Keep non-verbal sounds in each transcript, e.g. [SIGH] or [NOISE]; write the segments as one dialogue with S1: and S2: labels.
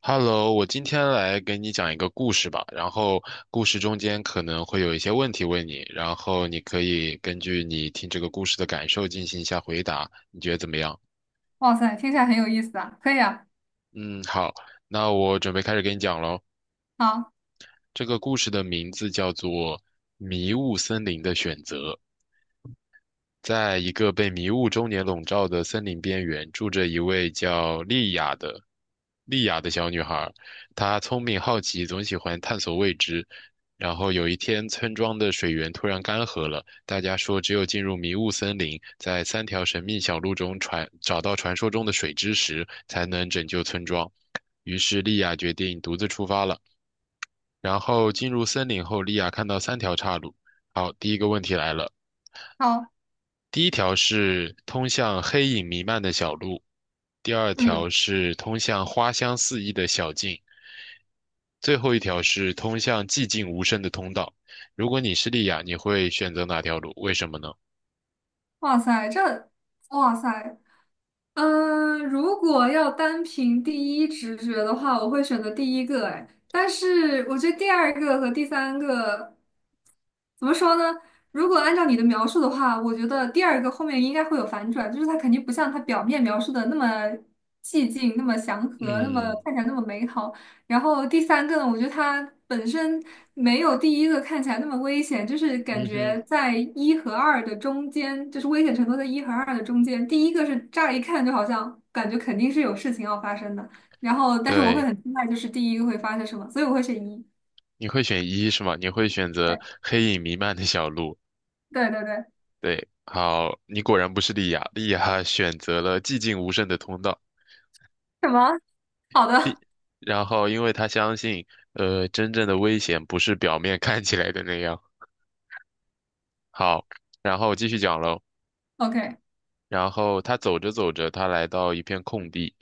S1: Hello，我今天来给你讲一个故事吧，然后故事中间可能会有一些问题问你，然后你可以根据你听这个故事的感受进行一下回答，你觉得怎么样？
S2: 哇塞，听起来很有意思啊！可以啊，
S1: 嗯，好，那我准备开始给你讲喽。
S2: 好，
S1: 这个故事的名字叫做《迷雾森林的选择》。在一个被迷雾终年笼罩的森林边缘，住着一位叫莉亚的小女孩。她聪明好奇，总喜欢探索未知。然后有一天，村庄的水源突然干涸了，大家说只有进入迷雾森林，在三条神秘小路中传找到传说中的水之石，才能拯救村庄。于是莉亚决定独自出发了。然后进入森林后，莉亚看到三条岔路。好，第一个问题来了。
S2: 好，
S1: 第一条是通向黑影弥漫的小路，第二
S2: 嗯，
S1: 条是通向花香四溢的小径，最后一条是通向寂静无声的通道。如果你是莉亚，你会选择哪条路？为什么呢？
S2: 哇塞，哇塞，如果要单凭第一直觉的话，我会选择第一个，哎，但是我觉得第二个和第三个怎么说呢？如果按照你的描述的话，我觉得第二个后面应该会有反转，就是它肯定不像它表面描述的那么寂静、那么祥和、那么
S1: 嗯
S2: 看起来那么美好。然后第三个呢，我觉得它本身没有第一个看起来那么危险，就是感
S1: 嗯哼，
S2: 觉在一和二的中间，就是危险程度在一和二的中间。第一个是乍一看就好像感觉肯定是有事情要发生的，然后但是我会
S1: 对，
S2: 很期待就是第一个会发生什么，所以我会选一。
S1: 你会选一是吗？你会选择黑影弥漫的小路。
S2: 对对对对，
S1: 对，好，你果然不是莉亚，莉亚选择了寂静无声的通道。
S2: 什么？好
S1: 莉，
S2: 的
S1: 然后因为她相信，真正的危险不是表面看起来的那样。好，然后继续讲喽。
S2: ，OK，
S1: 然后他走着走着，他来到一片空地，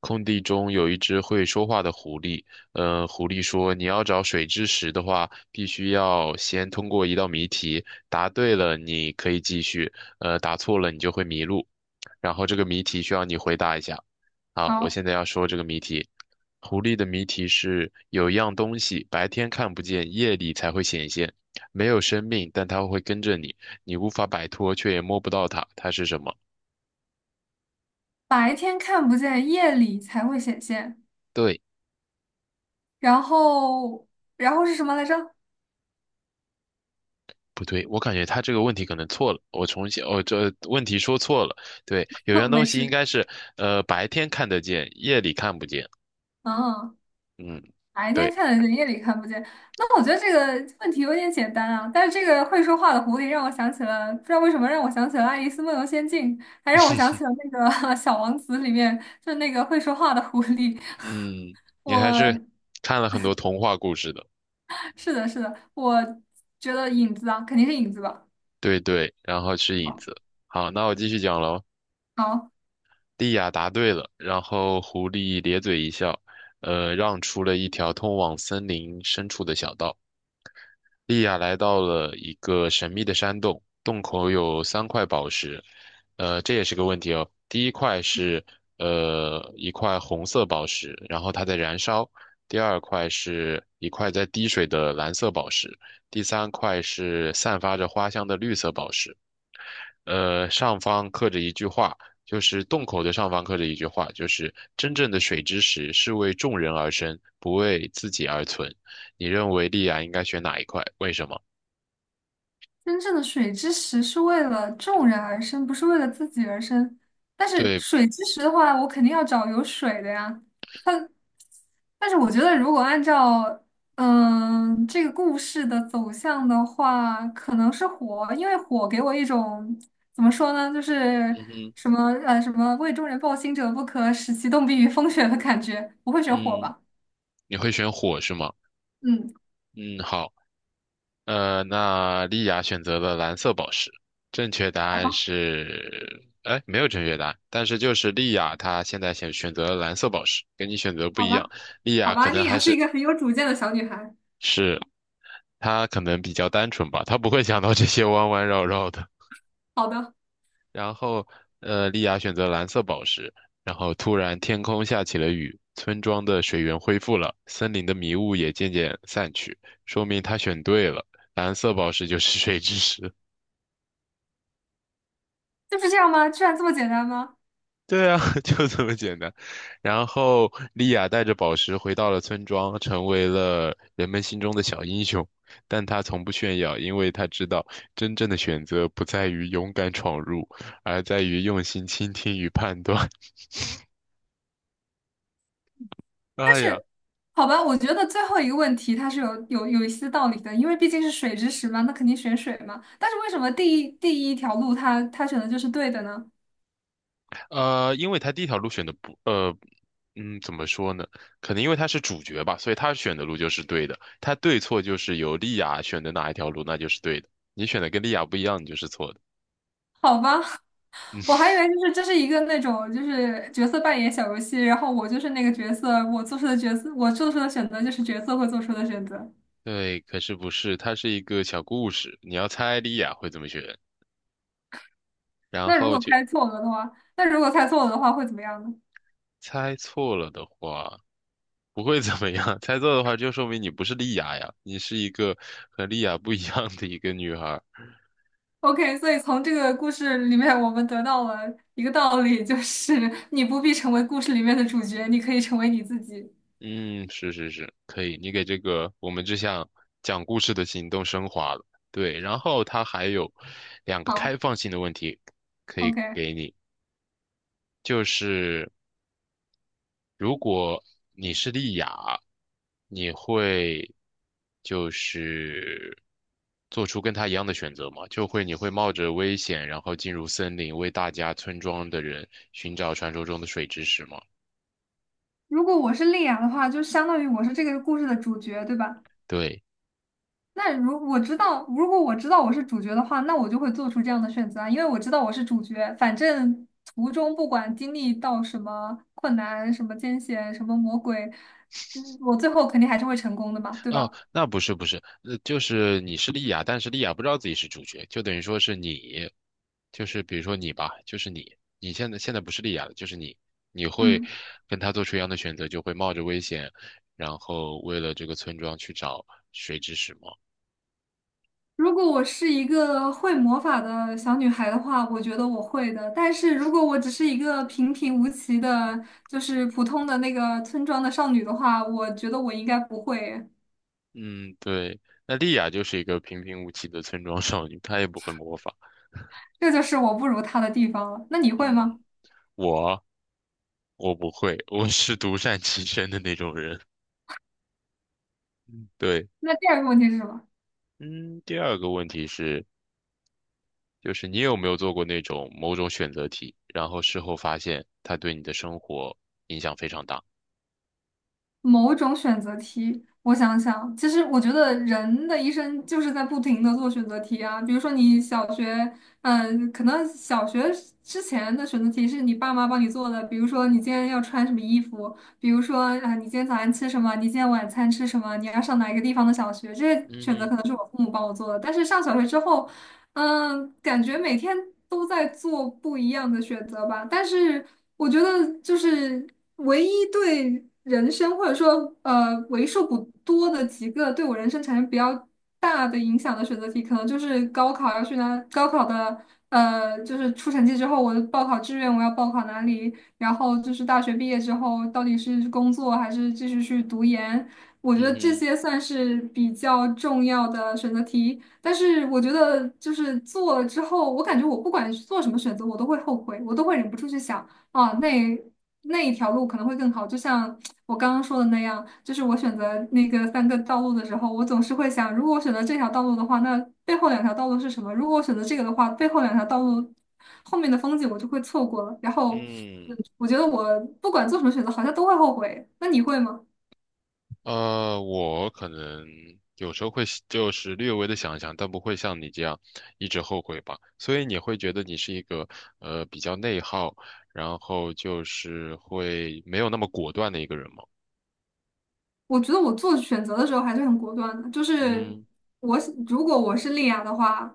S1: 空地中有一只会说话的狐狸。嗯，狐狸说：“你要找水之石的话，必须要先通过一道谜题，答对了你可以继续，答错了你就会迷路。”然后这个谜题需要你回答一下。好，我
S2: 好，
S1: 现在要说这个谜题。狐狸的谜题是有样东西白天看不见，夜里才会显现，没有生命，但它会跟着你，你无法摆脱，却也摸不到它，它是什么？
S2: 白天看不见，夜里才会显现。
S1: 对，
S2: 然后，然后是什么来着？
S1: 不对？我感觉他这个问题可能错了，我重新，哦，这问题说错了。对，有
S2: [LAUGHS]
S1: 样
S2: 没
S1: 东西应
S2: 事，
S1: 该是，白天看得见，夜里看不见。
S2: 嗯。
S1: 嗯，
S2: 白天
S1: 对，
S2: 看得见，夜里看不见。那我觉得这个问题有点简单啊。但是这个会说话的狐狸让我想起了，不知道为什么让我想起了《爱丽丝梦游仙境》，还让我想起了那个 [LAUGHS]《小王子》里面，就是那个会说话的狐狸。
S1: 嗯，
S2: [LAUGHS]
S1: 你还
S2: 我
S1: 是看了很多童话故事的。
S2: 是的，是的，我觉得影子啊，肯定是影子吧。
S1: 对对，然后是影
S2: 好，
S1: 子。好，那我继续讲喽。
S2: 好，
S1: 莉亚答对了，然后狐狸咧嘴一笑，让出了一条通往森林深处的小道。莉亚来到了一个神秘的山洞，洞口有三块宝石，呃，这也是个问题哦。第一块是一块红色宝石，然后它在燃烧；第二块是一块在滴水的蓝色宝石；第三块是散发着花香的绿色宝石。上方刻着一句话，就是洞口的上方刻着一句话，就是真正的水之石是为众人而生，不为自己而存。你认为莉亚应该选哪一块？为什么？
S2: 真正的水之石是为了众人而生，不是为了自己而生。但是
S1: 对，
S2: 水之石的话，我肯定要找有水的呀。它。但是我觉得，如果按照这个故事的走向的话，可能是火，因为火给我一种怎么说呢，就
S1: 嗯
S2: 是
S1: 哼，
S2: 什么为众人抱薪者不可，使其冻毙于风雪的感觉，不会选火
S1: 嗯，
S2: 吧。
S1: 你会选火是吗？
S2: 嗯，
S1: 嗯，好，那莉亚选择了蓝色宝石，正确答
S2: 好
S1: 案
S2: 吧，
S1: 是，哎，没有正确答案，但是就是莉亚她现在选择了蓝色宝石，跟你选择不
S2: 好
S1: 一样，
S2: 吧，
S1: 莉
S2: 好
S1: 亚可
S2: 吧，
S1: 能
S2: 丽雅
S1: 还
S2: 是一
S1: 是
S2: 个很有主见的小女孩。
S1: 是他可能比较单纯吧，他不会想到这些弯弯绕绕的。
S2: 好的，
S1: 然后，莉亚选择蓝色宝石，然后突然天空下起了雨，村庄的水源恢复了，森林的迷雾也渐渐散去，说明他选对了，蓝色宝石就是水之石。
S2: 就是这样吗？居然这么简单吗？
S1: 对啊，[LAUGHS] 就这么简单。然后，莉亚带着宝石回到了村庄，成为了人们心中的小英雄。但她从不炫耀，因为她知道真正的选择不在于勇敢闯入，而在于用心倾听与判断。[LAUGHS] 哎呀，
S2: 好吧，我觉得最后一个问题它是有一些道理的，因为毕竟是水之石嘛，那肯定选水嘛。但是为什么第一条路它选的就是对的呢？
S1: 因为她第一条路选的不，怎么说呢？可能因为她是主角吧，所以她选的路就是对的。她对错就是由莉亚选的哪一条路，那就是对的。你选的跟莉亚不一样，你就是错的。
S2: 好吧，[LAUGHS] 我还以为就是这是一个那种就是角色扮演小游戏，然后我就是那个角色，我做出的选择就是角色会做出的选择。
S1: 对，可是不是，它是一个小故事，你要猜莉亚会怎么选，然
S2: 那如
S1: 后
S2: 果
S1: 就
S2: 猜错了的话，那如果猜错了的话会怎么样呢
S1: 猜错了的话不会怎么样，[LAUGHS] 猜错的话就说明你不是莉亚呀，你是一个和莉亚不一样的一个女孩儿。
S2: ？OK，所以从这个故事里面，我们得到了一个道理，就是你不必成为故事里面的主角，你可以成为你自己。
S1: 嗯，是是是，可以，你给这个我们这项讲故事的行动升华了。对，然后它还有两个开
S2: 好
S1: 放性的问题可以
S2: ，OK。
S1: 给你，就是。如果你是莉雅，你会就是做出跟他一样的选择吗？就会你会冒着危险，然后进入森林，为大家村庄的人寻找传说中的水之石吗？
S2: 如果我是丽雅的话，就相当于我是这个故事的主角，对吧？
S1: 对。
S2: 那如我知道，如果我知道我是主角的话，那我就会做出这样的选择啊，因为我知道我是主角。反正途中不管经历到什么困难、什么艰险、什么魔鬼，我最后肯定还是会成功的嘛，对
S1: 哦，
S2: 吧？
S1: 那不是不是，就是你是莉亚，但是莉亚不知道自己是主角，就等于说是你，就是比如说你吧，就是你，你现在现在不是莉亚了，就是你，你会
S2: 嗯。
S1: 跟他做出一样的选择，就会冒着危险，然后为了这个村庄去找水之石吗？
S2: 如果我是一个会魔法的小女孩的话，我觉得我会的。但是如果我只是一个平平无奇的，就是普通的那个村庄的少女的话，我觉得我应该不会。
S1: 嗯，对，那莉亚就是一个平平无奇的村庄少女，她也不会魔法。
S2: 这就是我不如她的地方了。那你会
S1: 嗯，
S2: 吗？
S1: 我我不会，我是独善其身的那种人。嗯对，
S2: 那第二个问题是什么？
S1: 嗯，第二个问题是。就是你有没有做过那种某种选择题，然后事后发现它对你的生活影响非常大？
S2: 某种选择题，我想想，其实我觉得人的一生就是在不停的做选择题啊。比如说你小学，嗯，可能小学之前的选择题是你爸妈帮你做的，比如说你今天要穿什么衣服，比如说啊，你今天早餐吃什么，你今天晚餐吃什么，你要上哪一个地方的小学，这些
S1: 嗯
S2: 选择
S1: 哼，
S2: 可能是我父母帮我做的。但是上小学之后，嗯，感觉每天都在做不一样的选择吧，但是我觉得就是唯一对人生或者说为数不多的几个对我人生产生比较大的影响的选择题，可能就是高考要去哪，高考的就是出成绩之后，我的报考志愿我要报考哪里，然后就是大学毕业之后到底是工作还是继续去读研，我觉
S1: 嗯
S2: 得这
S1: 哼，
S2: 些算是比较重要的选择题。但是我觉得就是做了之后，我感觉我不管是做什么选择，我都会后悔，我都会忍不住去想啊，那一条路可能会更好。就像我刚刚说的那样，就是我选择那个三个道路的时候，我总是会想，如果我选择这条道路的话，那背后两条道路是什么？如果我选择这个的话，背后两条道路后面的风景我就会错过了。然后，
S1: 嗯，
S2: 嗯，我觉得我不管做什么选择，好像都会后悔。那你会吗？
S1: 我可能有时候会就是略微的想一想，但不会像你这样一直后悔吧。所以你会觉得你是一个比较内耗，然后就是会没有那么果断的一个人吗？
S2: 我觉得我做选择的时候还是很果断的，就是
S1: 嗯。
S2: 我如果我是丽雅的话，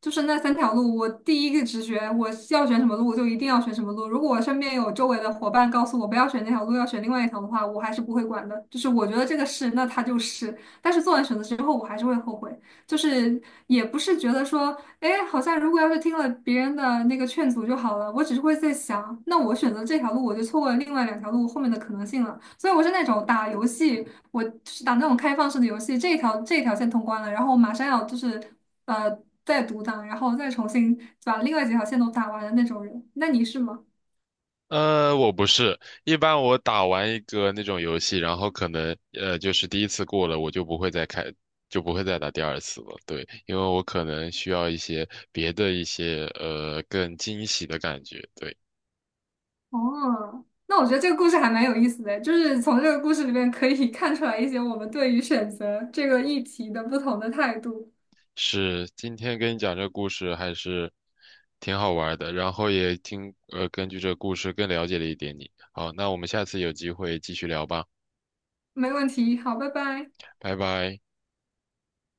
S2: 就是那三条路，我第一个直觉我是要选什么路，我就一定要选什么路。如果我身边有周围的伙伴告诉我不要选那条路，要选另外一条的话，我还是不会管的。就是我觉得这个是，那它就是。但是做完选择之后，我还是会后悔，就是也不是觉得说。哎，好像如果要是听了别人的那个劝阻就好了，我只是会在想，那我选择这条路，我就错过了另外两条路后面的可能性了。所以我是那种打游戏，我就是打那种开放式的游戏，这一条线通关了，然后我马上要就是呃再独档，然后再重新把另外几条线都打完的那种人。那你是吗？
S1: 我不是，一般我打完一个那种游戏，然后可能就是第一次过了，我就不会再开，就不会再打第二次了。对，因为我可能需要一些别的一些更惊喜的感觉。对，
S2: 哦，那我觉得这个故事还蛮有意思的，就是从这个故事里面可以 [LAUGHS] 看出来一些我们对于选择这个议题的不同的态度。
S1: 是今天跟你讲这个故事还是挺好玩的，然后也听根据这个故事更了解了一点你。好，那我们下次有机会继续聊吧，
S2: 没问题，好，拜拜。
S1: 拜拜。